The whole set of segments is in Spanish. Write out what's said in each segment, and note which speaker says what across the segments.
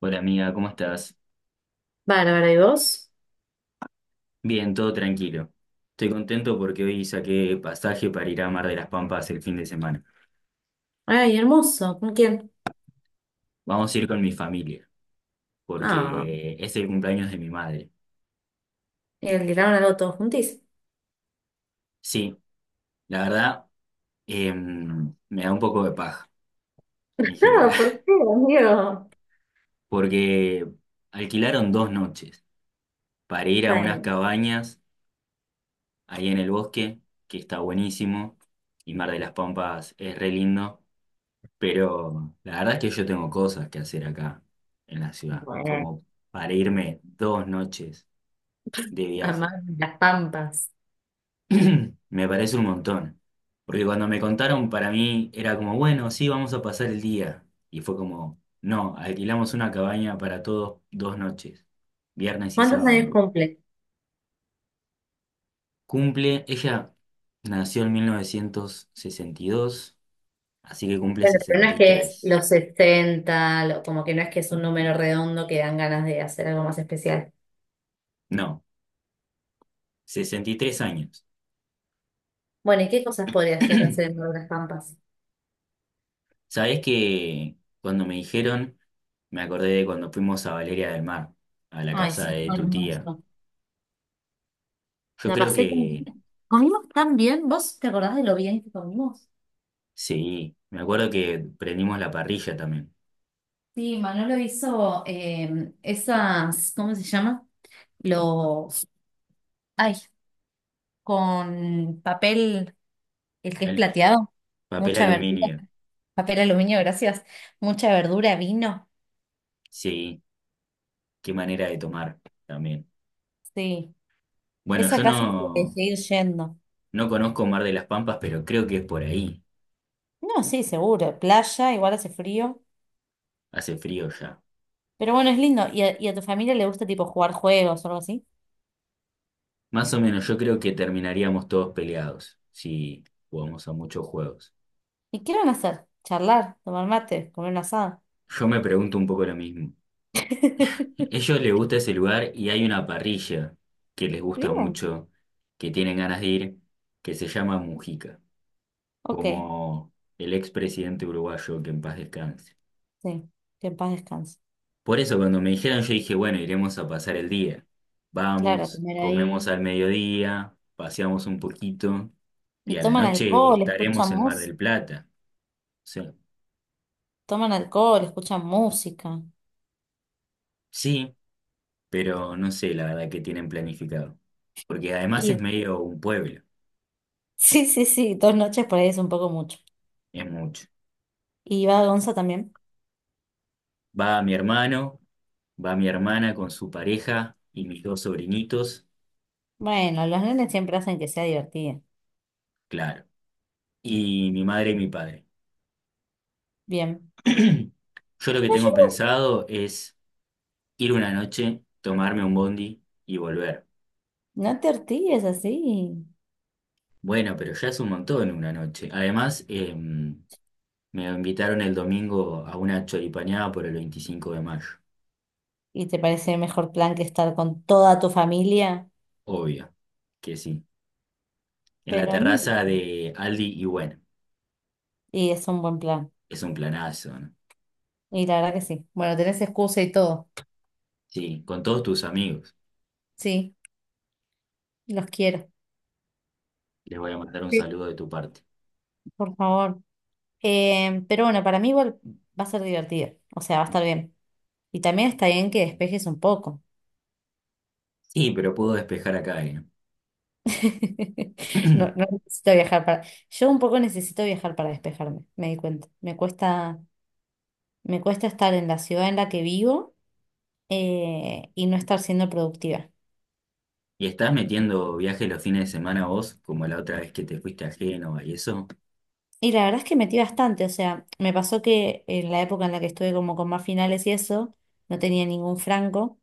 Speaker 1: Hola amiga, ¿cómo estás?
Speaker 2: Bárbara, ¿y vos?
Speaker 1: Bien, todo tranquilo. Estoy contento porque hoy saqué pasaje para ir a Mar de las Pampas el fin de semana.
Speaker 2: Ay, hermoso. ¿Con quién?
Speaker 1: Vamos a ir con mi familia,
Speaker 2: Ah,
Speaker 1: porque es el cumpleaños de mi madre.
Speaker 2: y alquilaron algo todos juntis.
Speaker 1: Sí, la verdad, me da un poco de paja en general,
Speaker 2: Claro, ¿por qué, amigo?
Speaker 1: porque alquilaron dos noches para ir a
Speaker 2: Está
Speaker 1: unas
Speaker 2: bien.
Speaker 1: cabañas ahí en el bosque, que está buenísimo, y Mar de las Pampas es re lindo. Pero la verdad es que yo tengo cosas que hacer acá en la ciudad,
Speaker 2: Bueno,
Speaker 1: como para irme dos noches de
Speaker 2: amar
Speaker 1: viaje.
Speaker 2: las pampas.
Speaker 1: Me parece un montón, porque cuando me contaron para mí era como, bueno, sí, vamos a pasar el día. Y fue como, no, alquilamos una cabaña para todos dos noches, viernes y
Speaker 2: ¿Cuántos años
Speaker 1: sábado.
Speaker 2: cumple?
Speaker 1: Cumple, ella nació en 1962, así que cumple
Speaker 2: Bueno, pero no es que es
Speaker 1: 63.
Speaker 2: los 60, como que no es que es un número redondo que dan ganas de hacer algo más especial.
Speaker 1: No, 63 años.
Speaker 2: Bueno, ¿y qué cosas podría llegar a hacer en las pampas?
Speaker 1: Sabés que cuando me dijeron, me acordé de cuando fuimos a Valeria del Mar, a la
Speaker 2: Ay,
Speaker 1: casa
Speaker 2: sí,
Speaker 1: de
Speaker 2: fue
Speaker 1: tu tía.
Speaker 2: hermoso.
Speaker 1: Yo
Speaker 2: La
Speaker 1: creo
Speaker 2: pasé como...
Speaker 1: que
Speaker 2: Comimos tan bien. ¿Vos te acordás de lo bien que comimos?
Speaker 1: sí, me acuerdo que prendimos la parrilla también,
Speaker 2: Sí, Manolo hizo esas, ¿cómo se llama? Los, ay, con papel, el que es
Speaker 1: el
Speaker 2: plateado,
Speaker 1: papel
Speaker 2: mucha verdura,
Speaker 1: aluminio.
Speaker 2: papel aluminio, gracias, mucha verdura, vino,
Speaker 1: Sí, qué manera de tomar también.
Speaker 2: sí,
Speaker 1: Bueno,
Speaker 2: ese
Speaker 1: yo
Speaker 2: acá se puede
Speaker 1: no,
Speaker 2: seguir yendo.
Speaker 1: no conozco Mar de las Pampas, pero creo que es por ahí.
Speaker 2: No, sí, seguro, playa, igual hace frío,
Speaker 1: Hace frío ya.
Speaker 2: pero bueno, es lindo, ¿y a tu familia le gusta tipo jugar juegos o algo así?
Speaker 1: Más o menos, yo creo que terminaríamos todos peleados si jugamos a muchos juegos.
Speaker 2: ¿Y qué van a hacer? ¿Charlar, tomar mate, comer un asado?
Speaker 1: Yo me pregunto un poco lo mismo. Ellos les gusta ese lugar y hay una parrilla que les gusta
Speaker 2: Bien,
Speaker 1: mucho, que tienen ganas de ir, que se llama Mujica,
Speaker 2: ok,
Speaker 1: como el expresidente uruguayo que en paz descanse.
Speaker 2: sí, que en paz descanse.
Speaker 1: Por eso cuando me dijeron yo dije, bueno, iremos a pasar el día.
Speaker 2: Claro,
Speaker 1: Vamos,
Speaker 2: comer
Speaker 1: comemos
Speaker 2: ahí.
Speaker 1: al mediodía, paseamos un poquito y
Speaker 2: Y
Speaker 1: a la
Speaker 2: toman
Speaker 1: noche
Speaker 2: alcohol, escuchan
Speaker 1: estaremos en Mar
Speaker 2: música,
Speaker 1: del Plata. O sea,
Speaker 2: toman alcohol, escuchan música.
Speaker 1: sí, pero no sé la verdad que tienen planificado, porque además
Speaker 2: Y
Speaker 1: es medio un pueblo,
Speaker 2: sí, sí, sí, dos noches por ahí es un poco mucho.
Speaker 1: es mucho.
Speaker 2: ¿Y va Gonza también?
Speaker 1: Va mi hermano, va mi hermana con su pareja y mis dos sobrinitos,
Speaker 2: Bueno, los nenes siempre hacen que sea divertida.
Speaker 1: claro, y mi madre y mi padre.
Speaker 2: Bien.
Speaker 1: Yo lo que
Speaker 2: No,
Speaker 1: tengo pensado es ir una noche, tomarme un bondi y volver.
Speaker 2: no te ortigues así.
Speaker 1: Bueno, pero ya es un montón una noche. Además, me invitaron el domingo a una choripaneada por el 25 de mayo.
Speaker 2: ¿Y te parece mejor plan que estar con toda tu familia?
Speaker 1: Obvio que sí. En la
Speaker 2: Pero ni.
Speaker 1: terraza de Aldi y bueno,
Speaker 2: Y es un buen plan.
Speaker 1: es un planazo, ¿no?
Speaker 2: Y la verdad que sí. Bueno, tenés excusa y todo.
Speaker 1: Sí, con todos tus amigos.
Speaker 2: Sí, los quiero.
Speaker 1: Les voy a mandar un
Speaker 2: Sí.
Speaker 1: saludo de tu parte.
Speaker 2: Por favor. Pero bueno, para mí igual va a ser divertido, o sea, va a estar bien. Y también está bien que despejes un poco.
Speaker 1: Sí, pero puedo despejar acá, ¿eh?
Speaker 2: No, no necesito viajar para... Yo un poco necesito viajar para despejarme, me di cuenta. Me cuesta estar en la ciudad en la que vivo y no estar siendo productiva.
Speaker 1: ¿Y estás metiendo viajes los fines de semana vos, como la otra vez que te fuiste a Génova y eso,
Speaker 2: Y la verdad es que metí bastante, o sea, me pasó que en la época en la que estuve como con más finales y eso, no tenía ningún franco,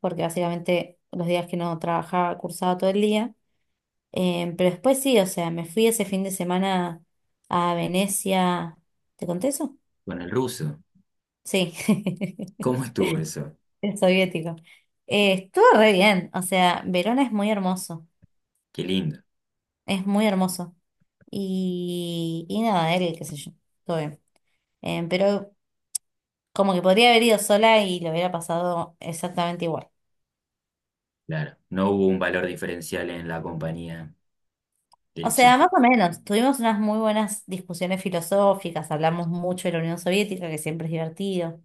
Speaker 2: porque básicamente los días que no trabajaba, cursaba todo el día. Pero después sí, o sea, me fui ese fin de semana a Venecia. ¿Te conté eso?
Speaker 1: con el ruso?
Speaker 2: Sí,
Speaker 1: ¿Cómo estuvo eso?
Speaker 2: el soviético. Estuvo re bien, o sea, Verona es muy hermoso,
Speaker 1: Qué lindo.
Speaker 2: es muy hermoso. Y nada, él, qué sé yo, todo bien. Pero como que podría haber ido sola y lo hubiera pasado exactamente igual.
Speaker 1: Claro, no hubo un valor diferencial en la compañía
Speaker 2: O
Speaker 1: del
Speaker 2: sea,
Speaker 1: chico.
Speaker 2: más o menos, tuvimos unas muy buenas discusiones filosóficas, hablamos mucho de la Unión Soviética, que siempre es divertido.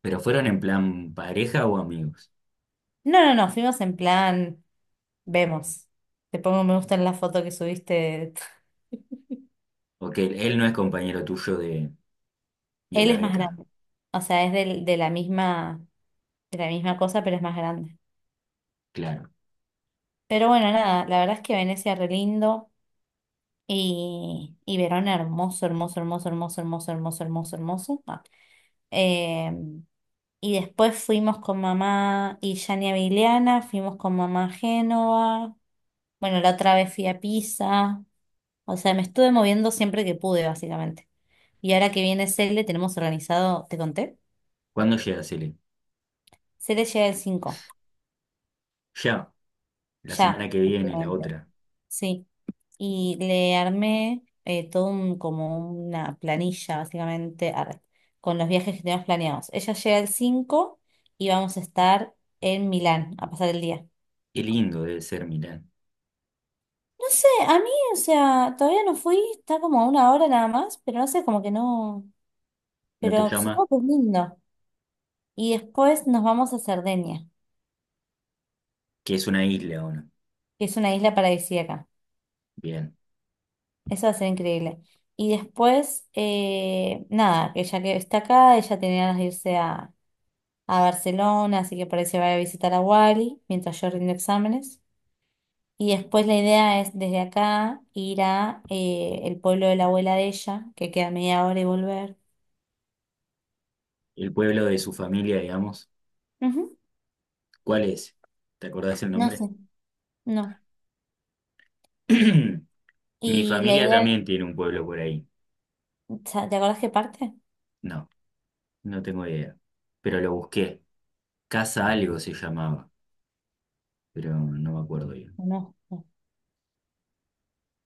Speaker 1: ¿Pero fueron en plan pareja o amigos?
Speaker 2: No, no, no, fuimos en plan... Vemos. Te pongo me gusta en la foto que subiste.
Speaker 1: Porque él no es compañero tuyo de
Speaker 2: Él
Speaker 1: la
Speaker 2: es más
Speaker 1: beca.
Speaker 2: grande. O sea, es de la misma cosa, pero es más grande.
Speaker 1: Claro.
Speaker 2: Pero bueno, nada, la verdad es que Venecia re lindo y Verona hermoso, hermoso, hermoso, hermoso, hermoso, hermoso, hermoso, hermoso. Ah. Eh, y después fuimos con mamá y Yani a Vigliana, fuimos con mamá a Génova. Bueno, la otra vez fui a Pisa. O sea, me estuve moviendo siempre que pude, básicamente. Y ahora que viene Cele, tenemos organizado, ¿te conté?
Speaker 1: ¿Cuándo llegas, Ele?
Speaker 2: Se le llega el 5,
Speaker 1: Ya, la semana
Speaker 2: ya,
Speaker 1: que viene, la
Speaker 2: básicamente.
Speaker 1: otra.
Speaker 2: Sí, y le armé como una planilla, básicamente, arre, con los viajes que tenemos planeados. Ella llega el 5 y vamos a estar en Milán a pasar el día.
Speaker 1: Qué lindo debe ser Milán.
Speaker 2: No sé, a mí, o sea, todavía no fui, está como a una hora nada más, pero no sé, como que no,
Speaker 1: ¿No te
Speaker 2: pero
Speaker 1: llama?
Speaker 2: supongo que es lindo. Y después nos vamos a Cerdeña,
Speaker 1: Que es una isla, ¿o no?
Speaker 2: que es una isla paradisíaca.
Speaker 1: Bien.
Speaker 2: Eso va a ser increíble. Y después, nada, que ya que está acá, ella tenía ganas de a Barcelona, así que parece va a visitar a Wally mientras yo rindo exámenes. Y después la idea es desde acá ir a el pueblo de la abuela de ella, que queda media hora y volver.
Speaker 1: El pueblo de su familia, digamos.
Speaker 2: Ujú.
Speaker 1: ¿Cuál es? ¿Te acordás el
Speaker 2: No
Speaker 1: nombre?
Speaker 2: sé, no.
Speaker 1: Mi
Speaker 2: Y la
Speaker 1: familia
Speaker 2: idea,
Speaker 1: también tiene un pueblo por ahí.
Speaker 2: ¿Te acordás qué parte?
Speaker 1: No, no tengo idea. Pero lo busqué. Casa algo se llamaba, pero no me acuerdo bien.
Speaker 2: No, no.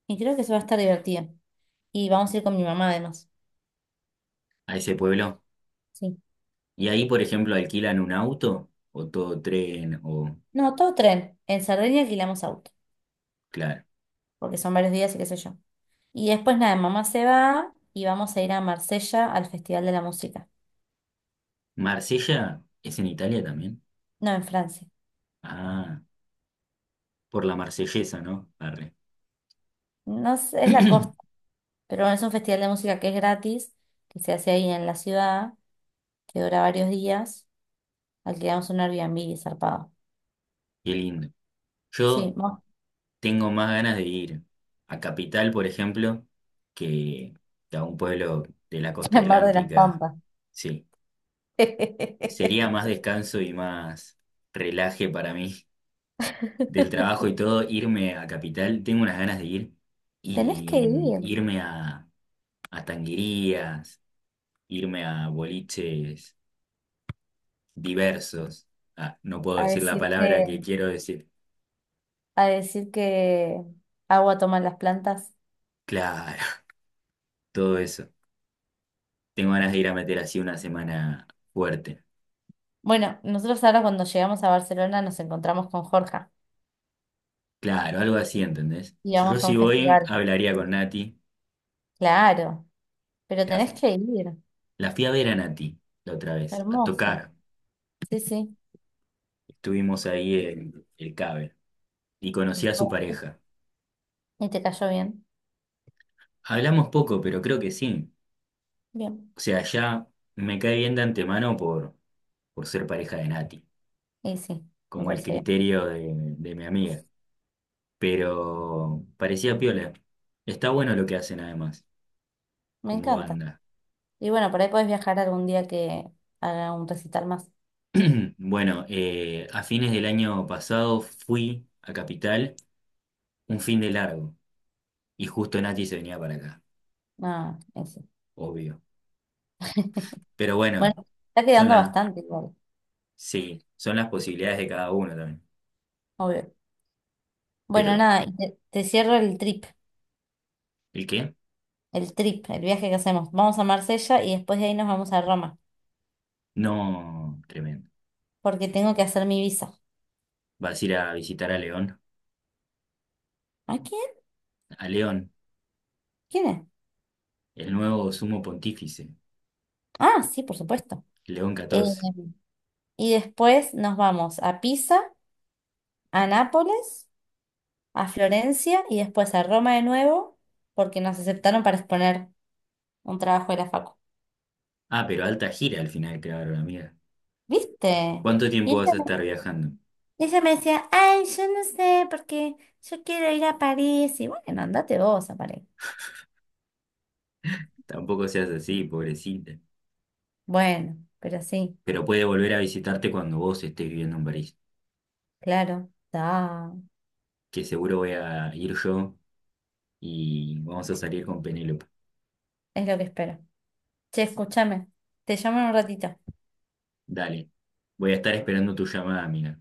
Speaker 2: Y creo que eso va a estar divertido. Y vamos a ir con mi mamá además.
Speaker 1: A ese pueblo.
Speaker 2: Sí.
Speaker 1: Y ahí, por ejemplo, ¿alquilan un auto o todo tren o...?
Speaker 2: No, todo tren. En Sardenia alquilamos auto.
Speaker 1: Claro.
Speaker 2: Porque son varios días y qué sé yo. Y después nada, mamá se va y vamos a ir a Marsella al Festival de la Música.
Speaker 1: Marsella es en Italia también.
Speaker 2: No, en Francia.
Speaker 1: Ah, por la marsellesa, ¿no? Arre.
Speaker 2: No sé, es la
Speaker 1: Qué
Speaker 2: costa, pero bueno, es un festival de música que es gratis, que se hace ahí en la ciudad, que dura varios días. Alquilamos un Airbnb zarpado.
Speaker 1: lindo.
Speaker 2: Sí,
Speaker 1: Yo
Speaker 2: vamos
Speaker 1: tengo más ganas de ir a Capital, por ejemplo, que que a un pueblo de la costa
Speaker 2: al Mar de las
Speaker 1: atlántica.
Speaker 2: Pampas.
Speaker 1: Sí, sería más descanso y más relaje para mí del trabajo y todo irme a Capital. Tengo unas ganas de ir
Speaker 2: Tenés
Speaker 1: y
Speaker 2: que ir
Speaker 1: irme a tanguerías, irme a boliches diversos. Ah, no puedo
Speaker 2: a
Speaker 1: decir la
Speaker 2: decir
Speaker 1: palabra que
Speaker 2: que,
Speaker 1: quiero decir.
Speaker 2: a decir que agua toman las plantas.
Speaker 1: Claro, todo eso. Tengo ganas de ir a meter así una semana fuerte.
Speaker 2: Bueno, nosotros ahora cuando llegamos a Barcelona nos encontramos con Jorge.
Speaker 1: Claro, algo así, ¿entendés?
Speaker 2: Y
Speaker 1: Si yo
Speaker 2: vamos a
Speaker 1: si
Speaker 2: un
Speaker 1: voy,
Speaker 2: festival.
Speaker 1: hablaría con Nati.
Speaker 2: Claro, pero
Speaker 1: La,
Speaker 2: tenés que ir.
Speaker 1: la fui a ver a Nati la otra vez, a
Speaker 2: Hermoso.
Speaker 1: tocar.
Speaker 2: Sí, sí.
Speaker 1: Estuvimos ahí en el Cabe y conocí a su
Speaker 2: Esto-
Speaker 1: pareja.
Speaker 2: ¿Y te cayó bien?
Speaker 1: Hablamos poco, pero creo que sí.
Speaker 2: Bien.
Speaker 1: O sea, ya me cae bien de antemano por ser pareja de Nati,
Speaker 2: Y sí, me
Speaker 1: como el
Speaker 2: parece bien.
Speaker 1: criterio de mi amiga. Pero parecía piola. Está bueno lo que hacen además,
Speaker 2: Me
Speaker 1: como
Speaker 2: encanta.
Speaker 1: banda.
Speaker 2: Y bueno, por ahí podés viajar algún día que haga un recital más.
Speaker 1: Bueno, a fines del año pasado fui a Capital un fin de largo. Y justo Nachi se venía para acá,
Speaker 2: Ah, eso.
Speaker 1: obvio. Pero
Speaker 2: Bueno,
Speaker 1: bueno,
Speaker 2: está
Speaker 1: son
Speaker 2: quedando
Speaker 1: las,
Speaker 2: bastante igual,
Speaker 1: sí, son las posibilidades de cada uno también.
Speaker 2: obvio. Bueno,
Speaker 1: Pero,
Speaker 2: nada, te cierro el trip,
Speaker 1: ¿el qué?
Speaker 2: el viaje que hacemos. Vamos a Marsella y después de ahí nos vamos a Roma,
Speaker 1: No, tremendo.
Speaker 2: porque tengo que hacer mi visa.
Speaker 1: Vas a ir a visitar
Speaker 2: ¿A quién?
Speaker 1: a León,
Speaker 2: ¿Quién es?
Speaker 1: el nuevo sumo pontífice,
Speaker 2: Ah, sí, por supuesto.
Speaker 1: León
Speaker 2: Eh,
Speaker 1: catorce
Speaker 2: Y después nos vamos a Pisa, a Nápoles, a Florencia y después a Roma de nuevo, porque nos aceptaron para exponer un trabajo de la facu.
Speaker 1: Ah, pero alta gira al final, claro, amiga.
Speaker 2: ¿Viste?
Speaker 1: ¿Cuánto
Speaker 2: Y
Speaker 1: tiempo
Speaker 2: ella
Speaker 1: vas a estar
Speaker 2: me,
Speaker 1: viajando?
Speaker 2: ella me decía, ay, yo no sé, porque yo quiero ir a París. Y bueno, andate vos a París.
Speaker 1: Tampoco seas así, pobrecita.
Speaker 2: Bueno, pero sí,
Speaker 1: Pero puede volver a visitarte cuando vos estés viviendo en París,
Speaker 2: claro, da,
Speaker 1: que seguro voy a ir yo y vamos a salir con Penélope.
Speaker 2: es lo que espero. Che, escúchame, te llamo en un ratito.
Speaker 1: Dale. Voy a estar esperando tu llamada, amiga.